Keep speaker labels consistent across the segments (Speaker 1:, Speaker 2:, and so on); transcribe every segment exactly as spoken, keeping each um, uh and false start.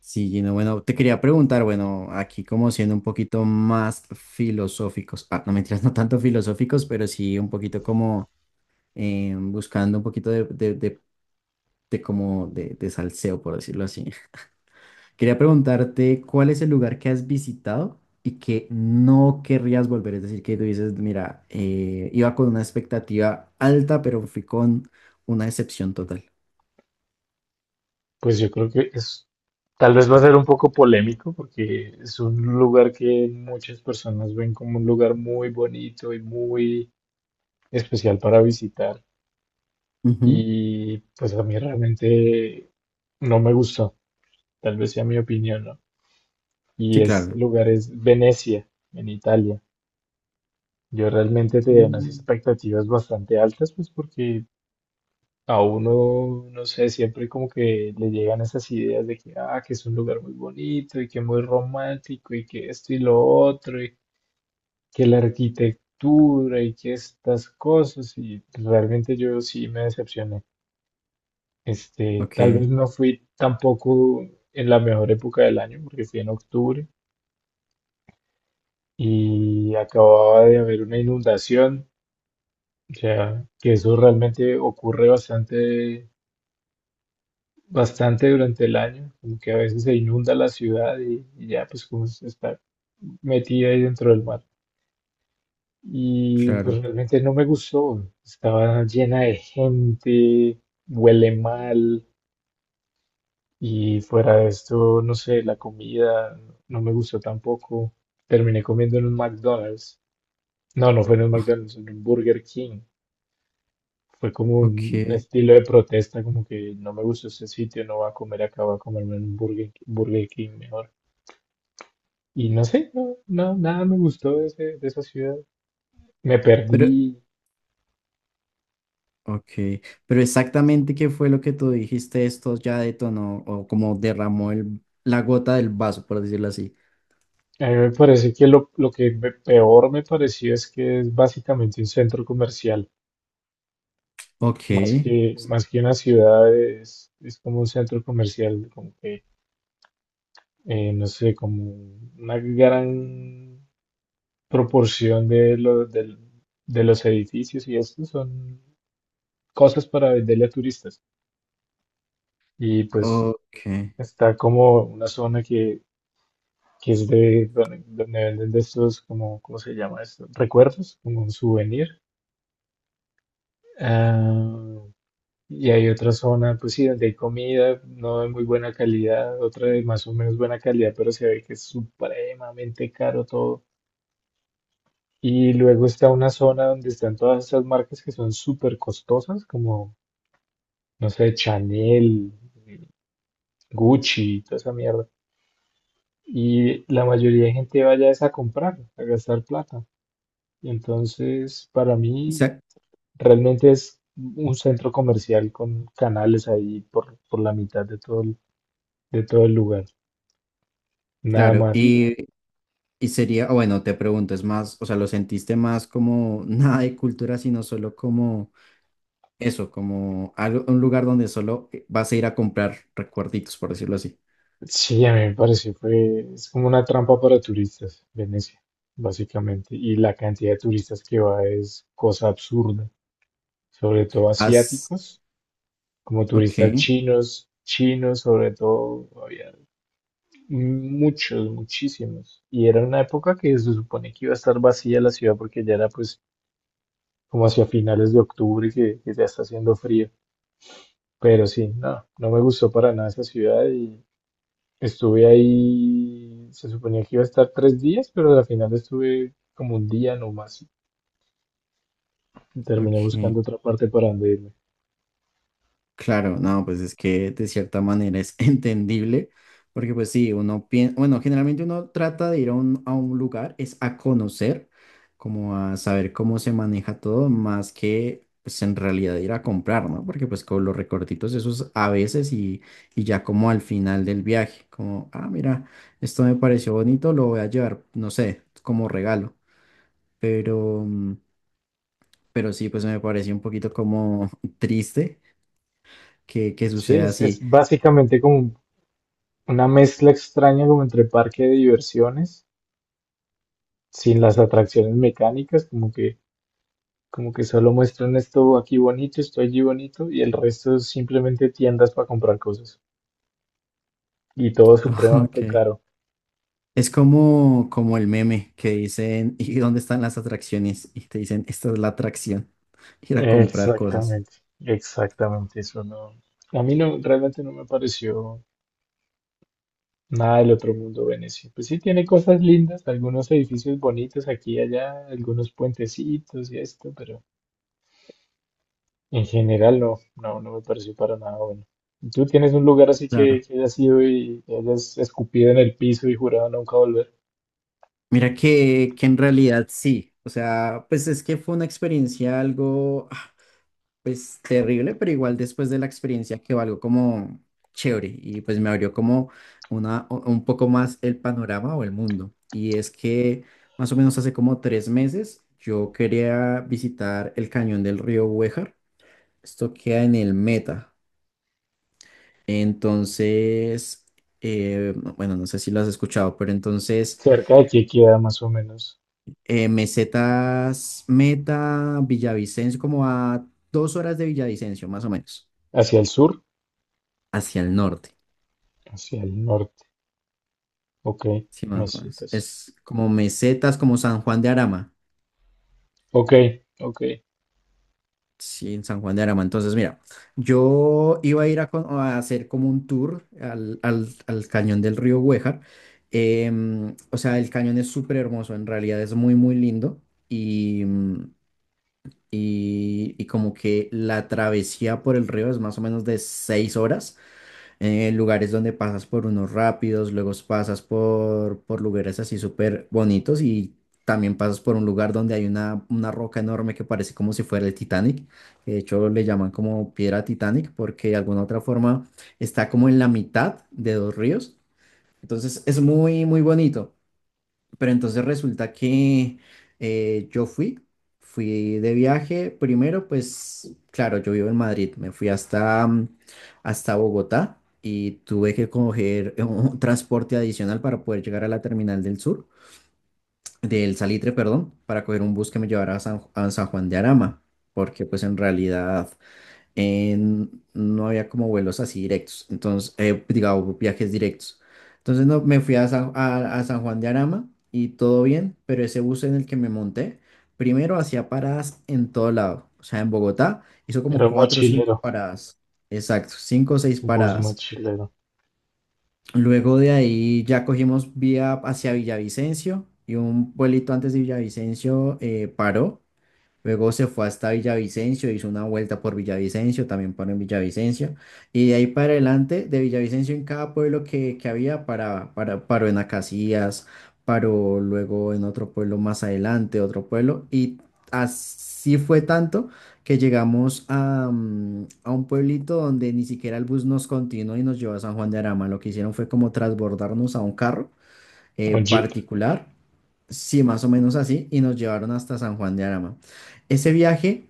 Speaker 1: Sí, Gino, bueno, te quería preguntar, bueno, aquí como siendo un poquito más filosóficos, ah, no mentiras, no tanto filosóficos, pero sí un poquito como eh, buscando un poquito de, de, de, de como de, de salseo, por decirlo así. Quería preguntarte cuál es el lugar que has visitado y que no querrías volver, es decir, que tú dices, mira, eh, iba con una expectativa alta, pero fui con una decepción total.
Speaker 2: Pues yo creo que es, tal vez va a ser un poco polémico porque es un lugar que muchas personas ven como un lugar muy bonito y muy especial para visitar.
Speaker 1: Ujú.
Speaker 2: Y pues a mí realmente no me gustó, tal vez sea mi opinión, ¿no? Y
Speaker 1: Sí,
Speaker 2: ese
Speaker 1: claro.
Speaker 2: lugar es Venecia, en Italia. Yo realmente tenía unas
Speaker 1: Mm.
Speaker 2: expectativas bastante altas, pues porque a uno, no sé, siempre como que le llegan esas ideas de que, ah, que es un lugar muy bonito y que muy romántico y que esto y lo otro y que la arquitectura y que estas cosas y realmente yo sí me decepcioné. Este, tal vez
Speaker 1: Ok,
Speaker 2: no fui tampoco en la mejor época del año porque fui en octubre y acababa de haber una inundación, o sea, que eso realmente ocurre bastante bastante durante el año, como que a veces se inunda la ciudad y, y ya pues como se está metida ahí dentro del mar. Y pues
Speaker 1: claro,
Speaker 2: realmente no me gustó, estaba llena de gente, huele mal y fuera de esto, no sé, la comida no me gustó tampoco. Terminé comiendo en un McDonald's. No, no fue en un McDonald's, en un Burger King. Fue como un
Speaker 1: ok.
Speaker 2: estilo de protesta, como que no me gustó este sitio, no voy a comer acá, voy a comerme en un Burger Burger King mejor. Y no sé, no, no, nada me gustó de, ese- de esa ciudad. Me
Speaker 1: Pero,
Speaker 2: perdí.
Speaker 1: Ok, pero exactamente qué fue lo que tú dijiste, esto ya detonó o como derramó el- la gota del vaso, por decirlo así.
Speaker 2: A mí me parece que lo, lo que me- peor me pareció es que es básicamente un centro comercial,
Speaker 1: Ok,
Speaker 2: más que, más que una ciudad, es, es como un centro comercial, como que, eh, no sé, como una gran proporción de, lo- del- de los edificios y esto son cosas para venderle a turistas. Y pues
Speaker 1: ok.
Speaker 2: está como una zona que que es de donde, donde venden de estos, como, ¿cómo se llama esto? Recuerdos, como un souvenir. Ah, y hay otra zona, pues sí, donde hay comida, no de muy buena calidad, otra de más o menos buena calidad, pero se ve que es supremamente caro todo. Y luego está una zona donde están todas estas marcas que son súper costosas, como, no sé, Chanel, Gucci, toda esa mierda. Y la mayoría de gente vaya es a comprar, a gastar plata. Y entonces, para
Speaker 1: O
Speaker 2: mí,
Speaker 1: sea,
Speaker 2: realmente es un centro comercial con canales ahí por, por la mitad de todo el, de todo el lugar. Nada
Speaker 1: claro,
Speaker 2: más. Y
Speaker 1: y, y sería, o bueno, te pregunto, es más, o sea, lo sentiste más como nada de cultura, sino solo como eso, como algo, un lugar donde solo vas a ir a comprar recuerditos, por decirlo así.
Speaker 2: sí, a mí me pareció, fue, es como una trampa para turistas, Venecia, básicamente. Y la cantidad de turistas que va es cosa absurda, sobre todo
Speaker 1: Has,
Speaker 2: asiáticos, como turistas
Speaker 1: ok,
Speaker 2: chinos, chinos, sobre todo, había muchos, muchísimos. Y era una época que se supone que iba a estar vacía la ciudad porque ya era pues como hacia finales de octubre que, que ya está haciendo frío. Pero sí, no, no me gustó para nada esa ciudad y estuve ahí, se suponía que iba a estar tres días, pero al final estuve como un día nomás y terminé
Speaker 1: ok.
Speaker 2: buscando otra parte para donde irme.
Speaker 1: Claro, no, pues es que de cierta manera es entendible, porque pues sí, uno piensa, bueno, generalmente uno trata de ir a un, a un lugar, es a conocer, como a saber cómo se maneja todo, más que pues en realidad ir a comprar, ¿no? Porque pues con los recortitos esos a veces y, y ya como al final del viaje, como, ah, mira, esto me pareció bonito, lo voy a llevar, no sé, como regalo, pero, mm, pero sí, pues me pareció un poquito como triste que, que
Speaker 2: Sí,
Speaker 1: suceda
Speaker 2: es, es
Speaker 1: así.
Speaker 2: básicamente como un- una mezcla extraña como entre parque de diversiones, sin las atracciones mecánicas, como que, como que solo muestran esto aquí bonito, esto allí bonito y el resto es simplemente tiendas para comprar cosas. Y todo supremamente
Speaker 1: Ok.
Speaker 2: caro.
Speaker 1: Es como, como el meme que dicen, ¿y dónde están las atracciones? Y te dicen, esta es la atracción, ir a comprar cosas.
Speaker 2: Exactamente, exactamente, eso no, a mí no, realmente no me pareció nada del otro mundo Venecia. Pues sí tiene cosas lindas, algunos edificios bonitos aquí y allá, algunos puentecitos y esto, pero en general no, no, no me pareció para nada bueno. ¿Tú tienes un lugar así
Speaker 1: Claro.
Speaker 2: que, que hayas ido y te hayas escupido en el piso y jurado nunca volver?
Speaker 1: Mira que, que en realidad sí, o sea, pues es que fue una experiencia algo, ah, pues terrible, pero igual después de la experiencia quedó algo como chévere y pues me abrió como una, u- un poco más el panorama o el mundo. Y es que más o menos hace como tres meses yo quería visitar el cañón del río Huejar. Esto queda en el Meta. Entonces, eh, no, bueno, no sé si lo has escuchado, pero entonces
Speaker 2: Cerca de aquí queda más o menos,
Speaker 1: eh, Mesetas Meta, Villavicencio, como a dos horas de Villavicencio, más o menos,
Speaker 2: hacia el sur,
Speaker 1: hacia el norte.
Speaker 2: hacia el norte, ok,
Speaker 1: Sí, más o menos.
Speaker 2: mesetas,
Speaker 1: Es como Mesetas, como San Juan de Arama.
Speaker 2: ok, ok,
Speaker 1: Sí, en San Juan de Arama. Entonces, mira, yo iba a ir a, con- a hacer como un tour al, al- al cañón del río Güejar. Em, o sea, el cañón es súper hermoso, en realidad es muy, muy lindo. Y, mm, y, y como que la travesía por el río es más o menos de seis horas, eh, lugares donde pasas por unos rápidos, luego pasas por, por lugares así súper bonitos y también pasas por un lugar donde hay una, una roca enorme que parece como si fuera el Titanic. De hecho, le llaman como piedra Titanic porque de alguna otra forma está como en la mitad de dos ríos. Entonces es muy, muy bonito. Pero entonces resulta que eh, yo fui, fui de viaje. Primero, pues claro, yo vivo en Madrid, me fui hasta, mm, hasta Bogotá y tuve que coger eh, un transporte adicional para poder llegar a la terminal del sur, del Salitre, perdón, para coger un bus que me llevara a San, a San Juan de Arama, porque pues en realidad eh, no había como vuelos así directos, entonces, eh, digamos, viajes directos. Entonces no, me fui a San, a, a San Juan de Arama y todo bien, pero ese bus en el que me monté, primero hacía paradas en todo lado, o sea, en Bogotá hizo como
Speaker 2: pero
Speaker 1: cuatro o cinco
Speaker 2: mochilero.
Speaker 1: paradas, exacto, cinco o seis
Speaker 2: Bus
Speaker 1: paradas.
Speaker 2: mochilero
Speaker 1: Luego de ahí ya cogimos vía hacia Villavicencio y un pueblito antes de Villavicencio eh, paró. Luego se fue hasta Villavicencio, hizo una vuelta por Villavicencio, también paró en Villavicencio. Y de ahí para adelante, de Villavicencio en cada pueblo que, que había, para, para, paró en Acacías, paró luego en otro pueblo más adelante, otro pueblo. Y así fue tanto que llegamos a, mm, a un pueblito donde ni siquiera el bus nos continuó y nos llevó a San Juan de Arama. Lo que hicieron fue como transbordarnos a un carro eh,
Speaker 2: o jeep,
Speaker 1: particular. Sí, más o menos así, y nos llevaron hasta San Juan de Arama. Ese viaje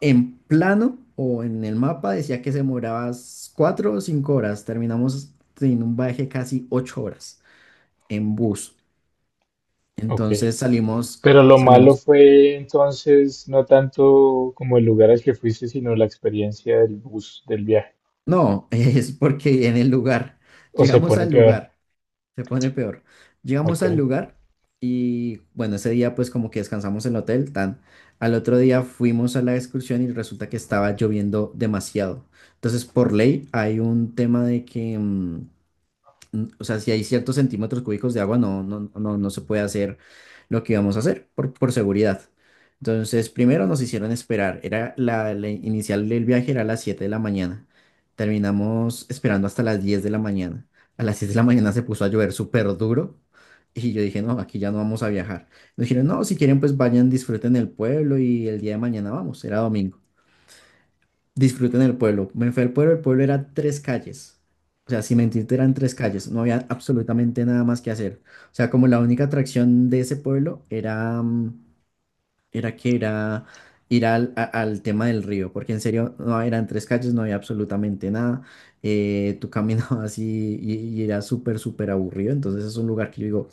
Speaker 1: en plano o en el mapa decía que se demoraba s- cuatro o cinco horas. Terminamos en un viaje casi ocho horas en bus.
Speaker 2: ok.
Speaker 1: Entonces salimos,
Speaker 2: Pero lo malo
Speaker 1: salimos.
Speaker 2: fue entonces no tanto como el lugar al que fuiste, sino la experiencia del bus, del viaje.
Speaker 1: No, es porque en el lugar,
Speaker 2: O se
Speaker 1: llegamos
Speaker 2: pone
Speaker 1: al
Speaker 2: peor,
Speaker 1: lugar. Se pone peor. Llegamos
Speaker 2: ok.
Speaker 1: al lugar y bueno, ese día pues como que descansamos en el hotel, tan. Al otro día fuimos a la excursión y resulta que estaba lloviendo demasiado. Entonces, por ley hay un tema de que mm, n- o sea, si hay ciertos centímetros cúbicos de agua, no, no, no, no se puede hacer lo que íbamos a hacer por, por seguridad. Entonces, primero nos hicieron esperar. Era la, la inicial del viaje era a las siete de la mañana. Terminamos esperando hasta las diez de la mañana. A las siete de la mañana se puso a llover súper duro. Y yo dije, no, aquí ya no vamos a viajar. Nos dijeron, no, si quieren, pues vayan, disfruten el pueblo y el día de mañana vamos. Era domingo. Disfruten el pueblo. Me fui al pueblo, el pueblo era tres calles. O sea, sin mentirte, eran tres calles. No había absolutamente nada más que hacer. O sea, como la única atracción de ese pueblo era, mm, era que era ir al, a- al tema del río, porque en serio, no eran tres calles, no había absolutamente nada. Eh, tú caminabas y, y, y era súper, súper aburrido. Entonces es un lugar que yo digo,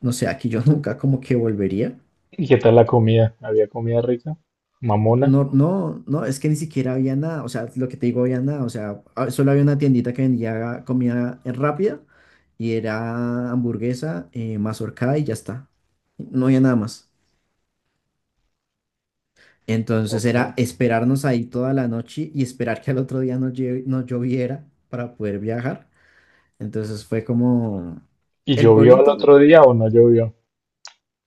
Speaker 1: no sé, aquí yo nunca como que volvería.
Speaker 2: ¿Y qué tal la comida? ¿Había comida rica? ¿Mamona?
Speaker 1: No, no, no, es que ni siquiera había nada, o sea, lo que te digo, había nada, o sea, ah, solo había una tiendita que vendía comida eh, rápida y era hamburguesa, eh, mazorcada y ya está, no había nada más. Entonces
Speaker 2: Ok.
Speaker 1: era esperarnos ahí toda la noche y esperar que al otro día no, lle- no lloviera para poder viajar. Entonces fue como,
Speaker 2: ¿Y
Speaker 1: el
Speaker 2: llovió al
Speaker 1: pueblito.
Speaker 2: otro día o no llovió? O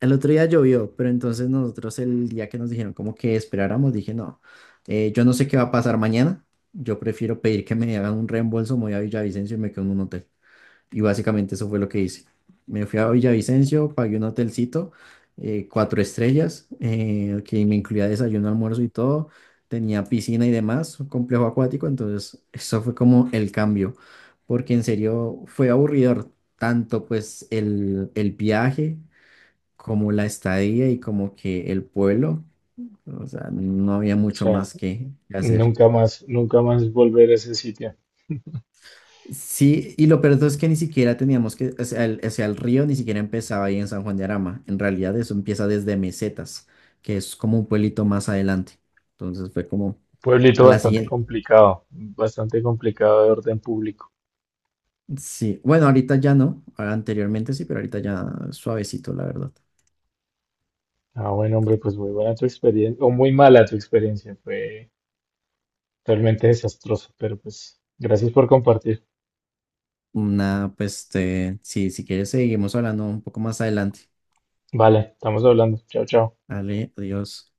Speaker 1: El otro día llovió, pero entonces nosotros el día que nos dijeron como que esperáramos, dije, no, eh, yo no sé qué va a pasar mañana, yo prefiero pedir que me hagan un reembolso, me voy a Villavicencio y me quedo en un hotel. Y básicamente eso fue lo que hice. Me fui a Villavicencio, pagué un hotelcito, eh, cuatro estrellas, eh, que me incluía desayuno, almuerzo y todo, tenía piscina y demás, un complejo acuático, entonces eso fue como el cambio, porque en serio fue aburridor tanto pues el, el viaje como la estadía y como que el pueblo, o sea, no había mucho
Speaker 2: sea,
Speaker 1: más que hacer.
Speaker 2: nunca más, nunca más volver a ese sitio.
Speaker 1: Sí, y lo peor de todo es que ni siquiera teníamos que, o sea, el, o sea, el río ni siquiera empezaba ahí en San Juan de Arama, en realidad eso empieza desde Mesetas, que es como un pueblito más adelante. Entonces fue como
Speaker 2: Pueblito
Speaker 1: a la
Speaker 2: bastante
Speaker 1: siguiente.
Speaker 2: complicado, bastante complicado de orden público.
Speaker 1: Sí, bueno, ahorita ya no, ahora anteriormente sí, pero ahorita ya suavecito, la verdad.
Speaker 2: Ah, bueno, hombre, pues muy buena tu experiencia, o muy mala tu experiencia, fue realmente desastroso, pero pues gracias por compartir.
Speaker 1: Nada, pues, este, sí, si quieres seguimos hablando un poco más adelante.
Speaker 2: Vale, estamos hablando. Chao, chao.
Speaker 1: Dale, adiós.